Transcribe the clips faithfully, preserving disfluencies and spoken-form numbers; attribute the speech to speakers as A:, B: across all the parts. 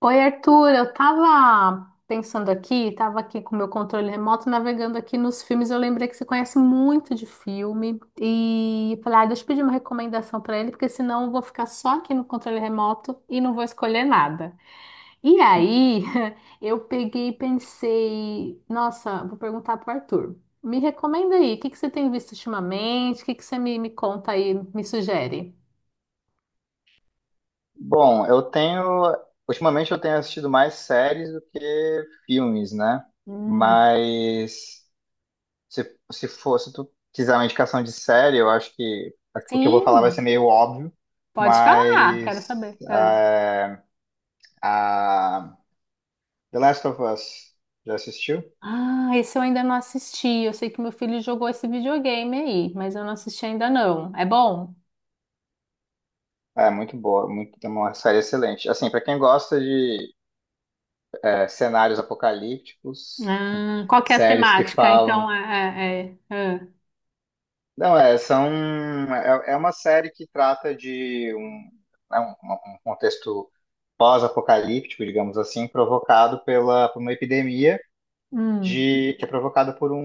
A: Oi, Arthur, eu tava pensando aqui, tava aqui com o meu controle remoto navegando aqui nos filmes, eu lembrei que você conhece muito de filme e falei, ah, deixa eu pedir uma recomendação pra ele, porque senão eu vou ficar só aqui no controle remoto e não vou escolher nada. E aí, eu peguei e pensei, nossa, vou perguntar pro Arthur. Me recomenda aí, o que que você tem visto ultimamente? O que que você me, me conta aí, me sugere?
B: Bom, eu tenho. Ultimamente eu tenho assistido mais séries do que filmes, né?
A: Hum,
B: Mas se, se for, se tu quiser uma indicação de série, eu acho que o que eu vou falar vai ser
A: sim,
B: meio óbvio,
A: pode falar,
B: mas
A: quero saber.
B: é, a The Last of Us, já assistiu?
A: Ah, esse eu ainda não assisti. Eu sei que meu filho jogou esse videogame aí, mas eu não assisti ainda não. É bom?
B: É muito boa, muito, é uma série excelente. Assim, para quem gosta de é, cenários apocalípticos,
A: Ah, qual que é a
B: séries que
A: temática?
B: falam.
A: Então, é, é- é- é.
B: Não, é, são, é, é uma série que trata de um, é um, um um contexto pós-apocalíptico, digamos assim, provocado pela, por uma epidemia
A: Hum,
B: de, que é provocada por um,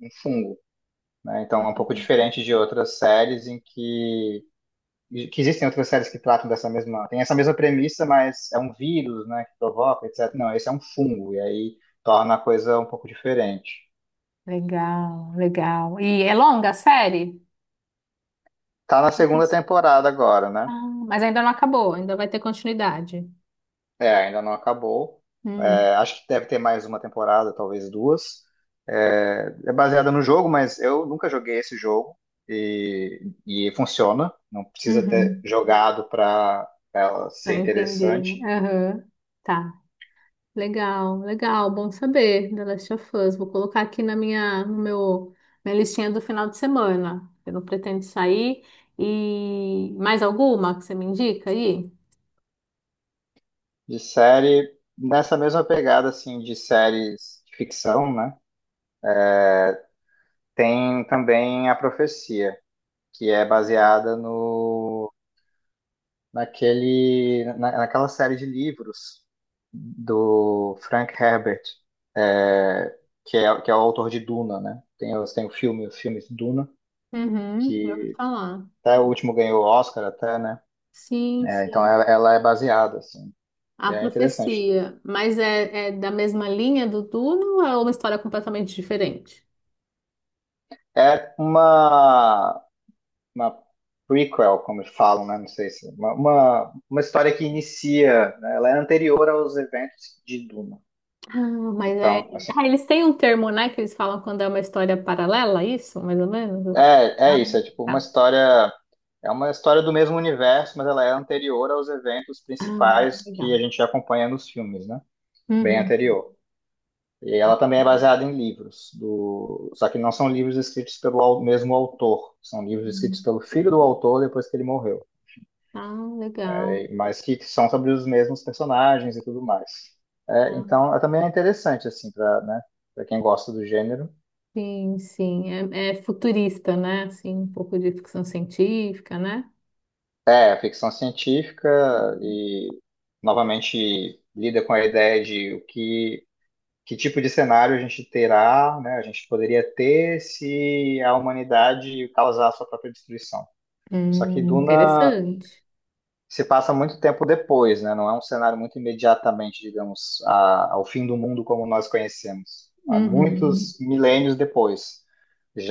B: um fungo. Né? Então, é um pouco diferente de outras séries em que, que existem outras séries que tratam dessa mesma, tem essa mesma premissa, mas é um vírus, né, que provoca, etcétera. Não, esse é um fungo, e aí torna a coisa um pouco diferente.
A: legal, legal. E é longa a série?
B: Tá na segunda temporada agora, né?
A: Ah, mas ainda não acabou, ainda vai ter continuidade.
B: É, ainda não acabou.
A: Hum,
B: É, acho que deve ter mais uma temporada, talvez duas. É, é baseada no jogo, mas eu nunca joguei esse jogo e, e funciona. Não precisa ter
A: uhum.
B: jogado para ela ser
A: Pra entender,
B: interessante.
A: né? Aham, tá. Legal, legal, bom saber, The Last of Us. Vou colocar aqui na minha, no meu, minha listinha do final de semana. Eu não pretendo sair. E mais alguma que você me indica aí?
B: De série, nessa mesma pegada assim de séries de ficção, né? Tem também A Profecia, que é baseada no naquele, na- naquela série de livros do Frank Herbert, é, que é, que é o autor de Duna, né? Tem, os- tem o filme, os filmes Duna,
A: Uhum, eu vou
B: que
A: falar.
B: até o último ganhou o Oscar até, né?
A: Sim,
B: É, então
A: sim.
B: ela, ela é baseada, assim,
A: A
B: e é interessante.
A: profecia. Mas é, é da mesma linha do Duna ou é uma história completamente diferente?
B: É uma, uma prequel, como eles falam, né? Não sei se. Uma, uma, uma história que inicia, né? Ela é anterior aos eventos de Duna.
A: Ah, mas é.
B: Então, assim,
A: Ah, eles têm um termo, né, que eles falam quando é uma história paralela, isso, mais ou menos?
B: É,
A: Ah,
B: é isso, é tipo uma
A: tá.
B: história, é uma história do mesmo universo, mas ela é anterior aos eventos
A: Ah,
B: principais que a
A: legal.
B: gente já acompanha nos filmes, né? Bem
A: Uhum.
B: anterior. E ela também é baseada em livros, do. Só que não são livros escritos pelo au- mesmo autor, são livros escritos
A: Hum.
B: pelo filho do autor depois que ele morreu,
A: Ah, legal.
B: mas que são sobre os mesmos personagens e tudo mais. É,
A: Ah,
B: então, é também é interessante, assim, para, né, para quem gosta do gênero.
A: sim, sim. É, é futurista, né? Assim, um pouco de ficção científica, né?
B: É, ficção científica
A: Uhum.
B: e novamente lida com a ideia de o que, que tipo de cenário a gente terá, né? A gente poderia ter se a humanidade causar a sua própria destruição. Só que
A: Hum,
B: Duna
A: interessante.
B: se passa muito tempo depois, né? Não é um cenário muito imediatamente, digamos, a- ao fim do mundo como nós conhecemos. Há
A: Uhum.
B: muitos milênios depois.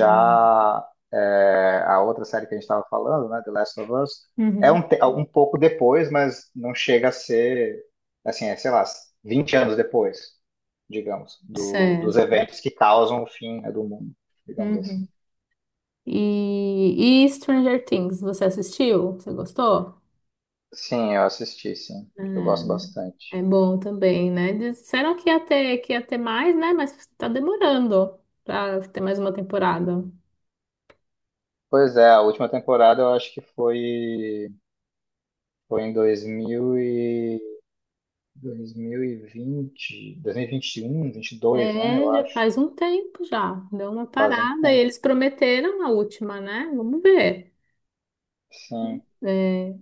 A: Ah,
B: é, a outra série que a gente estava falando, né, The Last of Us, é
A: uhum.
B: um, te- um pouco depois, mas não chega a ser, assim, é, sei lá, vinte anos depois, digamos, do- dos
A: Certo.
B: eventos que causam o fim, né, do mundo, digamos assim.
A: Uhum. E, e Stranger Things, você assistiu? Você gostou?
B: Sim, eu assisti, sim. Eu gosto
A: É, é
B: bastante.
A: bom também, né? Disseram que ia ter, que ia ter mais, né? Mas tá demorando pra ter mais uma temporada.
B: Pois é, a última temporada eu acho que foi, foi em dois mil e, dois dois mil mil e e e vinte, vinte um, dois mil e vinte e dois, né? Eu
A: É, já
B: acho.
A: faz um tempo já. Deu uma
B: Faz um
A: parada e
B: tempo,
A: eles prometeram a última, né? Vamos ver.
B: sim.
A: É,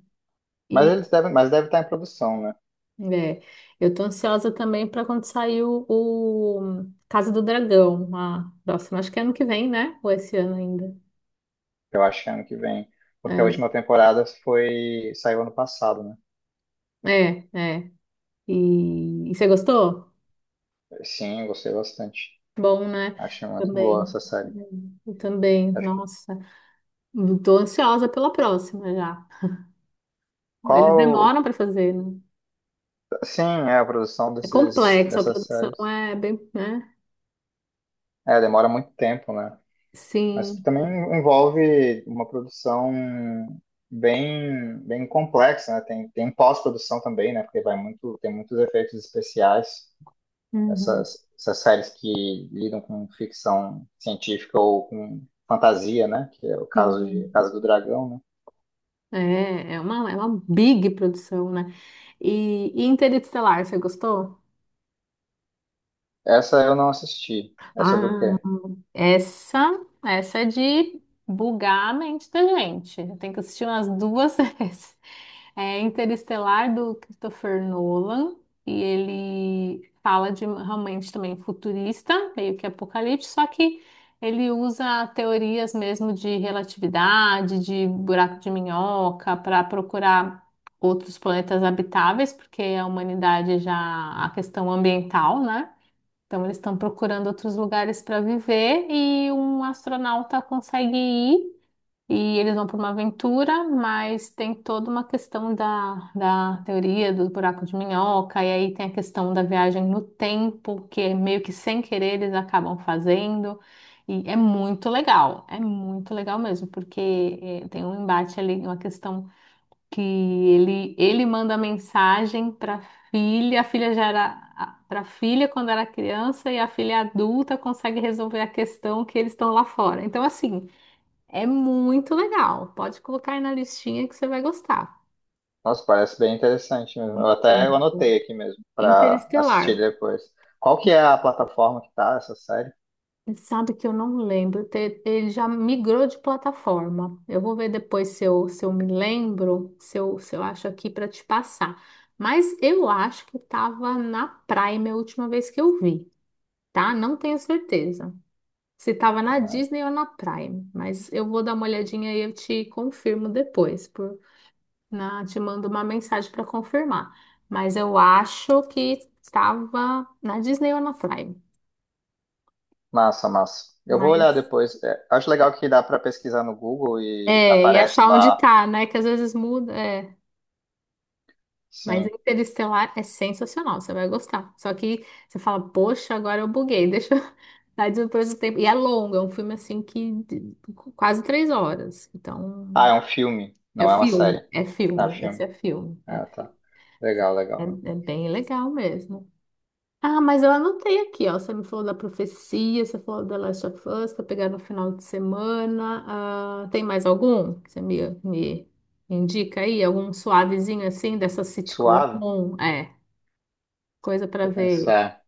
B: Mas
A: e
B: eles devem, mas deve estar em produção, né?
A: é, eu tô ansiosa também para quando sair o, o Casa do Dragão, a próxima, acho que é ano que vem, né? Ou esse ano ainda.
B: Eu acho que é ano que vem. Porque a
A: É,
B: última temporada foi, saiu ano passado, né?
A: é, é. E, e você gostou?
B: Sim, gostei bastante.
A: Bom, né?
B: Achei muito boa essa
A: Também. É,
B: série.
A: eu também,
B: Acho que
A: nossa. Tô ansiosa pela próxima já. Eles
B: qual,
A: demoram para fazer, né?
B: sim, é a produção
A: É
B: desses,
A: complexo, a
B: dessas
A: produção
B: séries.
A: é bem, né?
B: É, demora muito tempo, né? Mas que
A: Sim,
B: também envolve uma produção bem, bem complexa, né? Tem, tem pós-produção também, né? Porque vai muito, tem muitos efeitos especiais.
A: uhum,
B: Essas, essas séries que lidam com ficção científica ou com fantasia, né? Que é o caso de
A: sim.
B: Casa do Dragão, né?
A: É, é uma, é uma big produção, né? E, e Interestelar, você gostou?
B: Essa eu não assisti. É sobre o
A: Ah,
B: quê?
A: Essa, essa é de bugar a mente da gente. Eu tenho que assistir umas duas vezes. É Interestelar do Christopher Nolan e ele fala de realmente também futurista, meio que apocalipse, só que ele usa teorias mesmo de relatividade, de buraco de minhoca para procurar outros planetas habitáveis, porque a humanidade é já a questão ambiental, né? Então, eles estão procurando outros lugares para viver e um astronauta consegue ir e eles vão para uma aventura, mas tem toda uma questão da, da teoria do buraco de minhoca, e aí tem a questão da viagem no tempo, que é meio que sem querer eles acabam fazendo. E é muito legal, é muito legal mesmo, porque eh, tem um embate ali, uma questão que ele, ele manda mensagem para filha, a filha já era para filha quando era criança e a filha adulta consegue resolver a questão que eles estão lá fora. Então, assim, é muito legal. Pode colocar aí na listinha que você vai gostar.
B: Nossa, parece bem interessante mesmo. Eu até eu
A: Muito.
B: anotei aqui mesmo para assistir
A: Interestelar.
B: depois. Qual que é a plataforma que tá essa série?
A: Sabe que eu não lembro. te- Ele já migrou de plataforma. Eu vou ver depois se eu, se eu me lembro, se eu, se eu acho aqui para te passar. Mas eu acho que estava na Prime a última vez que eu vi, tá? Não tenho certeza. Se tava na
B: Né?
A: Disney ou na Prime, mas eu vou dar uma olhadinha e eu te confirmo depois, por na te mando uma mensagem para confirmar. Mas eu acho que estava na Disney ou na Prime.
B: Massa, massa. Eu vou olhar
A: Mas
B: depois. É, acho legal que dá pra pesquisar no Google e
A: é, e
B: aparece
A: achar onde
B: lá,
A: tá, né? Que às vezes muda, é. Mas
B: sim.
A: Interestelar é sensacional, você vai gostar. Só que você fala, poxa, agora eu buguei, deixa eu dar depois do tempo. E é longo, é um filme assim que de- quase três horas.
B: Ah,
A: Então
B: é um filme,
A: é
B: não é uma
A: filme,
B: série.
A: é
B: Ah,
A: filme, esse
B: filme.
A: é filme, é
B: Ah, tá.
A: filme.
B: Legal, legal.
A: É, é bem legal mesmo. Ah, mas eu anotei aqui, ó. Você me falou da profecia, você falou da Last of Us para pegar no final de semana. Ah, tem mais algum que você me, me indica aí? Algum suavezinho assim dessa sitcom?
B: Suave,
A: Bom, é, coisa para
B: que eu
A: ver.
B: pensar. É,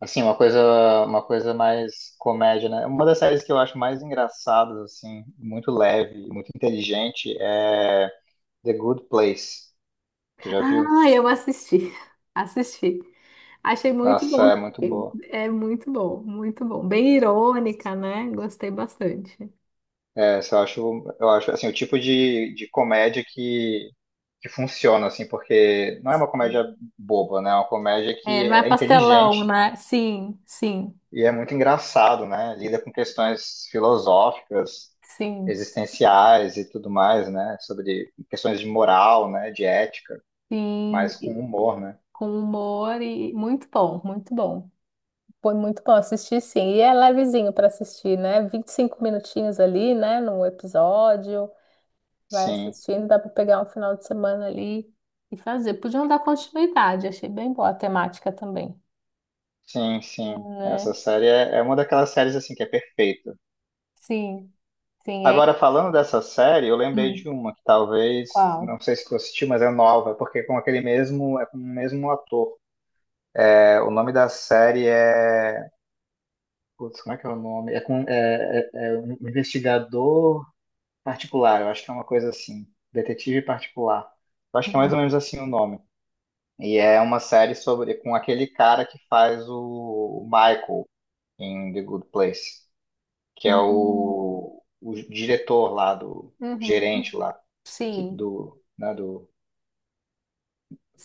B: assim, uma coisa, uma coisa mais comédia, né? Uma das séries que eu acho mais engraçadas, assim, muito leve, e muito inteligente, é The Good Place. Tu já viu?
A: Ah, eu assisti, assisti. Achei muito
B: Nossa,
A: bom.
B: é muito boa.
A: É muito bom, muito bom. Bem irônica, né? Gostei bastante.
B: Essa eu acho, eu acho assim, o tipo de, de comédia que, que funciona, assim, porque não é uma comédia boba, né? É uma comédia
A: É,
B: que
A: não
B: é
A: é
B: é
A: pastelão,
B: inteligente
A: né? Sim, sim,
B: e é muito engraçado, né? Lida com questões filosóficas,
A: sim,
B: existenciais e tudo mais, né? Sobre questões de moral, né? De ética,
A: sim.
B: mas com
A: E
B: humor, né?
A: com humor e muito bom, muito bom. Foi muito bom assistir, sim. E é levezinho para assistir, né? Vinte e cinco minutinhos ali, né? Num episódio. Vai
B: Sim,
A: assistindo, dá para pegar um final de semana ali e fazer. Podiam dar continuidade, achei bem boa a temática também,
B: sim, sim.
A: né?
B: Essa série é, é uma daquelas séries, assim, que é perfeita.
A: Sim, sim, é.
B: Agora, falando dessa série, eu lembrei
A: Hum,
B: de uma que talvez, não
A: qual?
B: sei se tu assistiu, mas é nova, porque é com aquele mesmo, é com o mesmo ator. É, o nome da série é. Putz, como é que é o nome? É com. É, é- é um investigador particular, eu acho que é uma coisa assim. Detetive particular. Eu acho que é mais ou
A: Hum.
B: menos assim o nome. E é uma série sobre. Com aquele cara que faz o, o Michael em The Good Place, que é
A: Uhum.
B: o, o diretor lá do.
A: Uhum.
B: Gerente lá. Que
A: Sim,
B: do, né, do,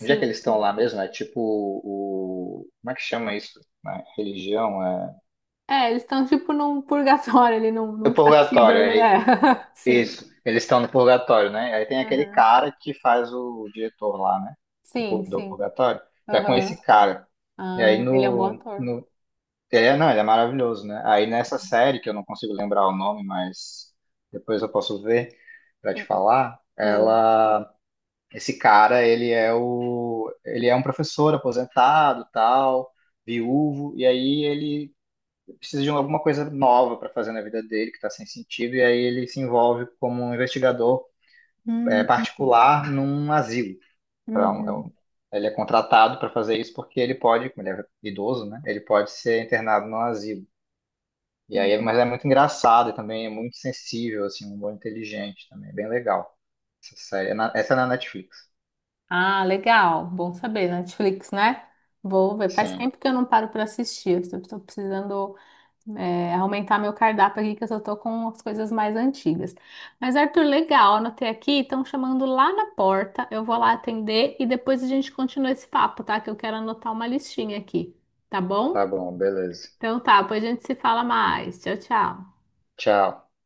B: onde é que eles estão lá mesmo? É tipo o, como é que chama isso? Né? Religião, é
A: É, eles estão tipo num purgatório ali, num,
B: o
A: num castigo
B: purgatório,
A: ali.
B: é
A: É, sim.
B: isso. Eles estão no purgatório, né? Aí tem aquele
A: Aham.
B: cara que faz o diretor lá, né? Do,
A: Sim,
B: pur- do
A: sim.
B: purgatório. Tá com
A: Aham.
B: esse cara. E aí
A: Ah, ele é um bom
B: no,
A: ator.
B: no, ele é, não, ele é maravilhoso, né? Aí nessa série que eu não consigo lembrar o nome, mas depois eu posso ver pra te
A: Sim.
B: falar.
A: Ah.
B: Ela Esse cara, ele é o, ele é um professor aposentado, tal, viúvo, e aí ele precisa de alguma coisa nova para fazer na vida dele, que está sem sentido, e aí ele se envolve como um investigador é,
A: Hum,
B: particular num asilo. Pra um- é
A: uhum,
B: um- ele é contratado para fazer isso porque ele pode, como ele é idoso, né? Ele pode ser internado num asilo. E aí,
A: uhum.
B: mas é muito engraçado e também é muito sensível, assim, um humor inteligente também, é bem legal. Essa série, é na- essa é na Netflix.
A: Ah, legal. Bom saber, Netflix, né? Vou ver. Faz
B: Sim,
A: tempo que eu não paro para assistir. Estou precisando. É, aumentar meu cardápio aqui, que eu só tô com as coisas mais antigas. Mas, Arthur, legal, anotei aqui, estão chamando lá na porta, eu vou lá atender e depois a gente continua esse papo, tá? Que eu quero anotar uma listinha aqui, tá
B: tá
A: bom?
B: bom, beleza.
A: Então tá, depois a gente se fala mais. Tchau, tchau.
B: Tchau.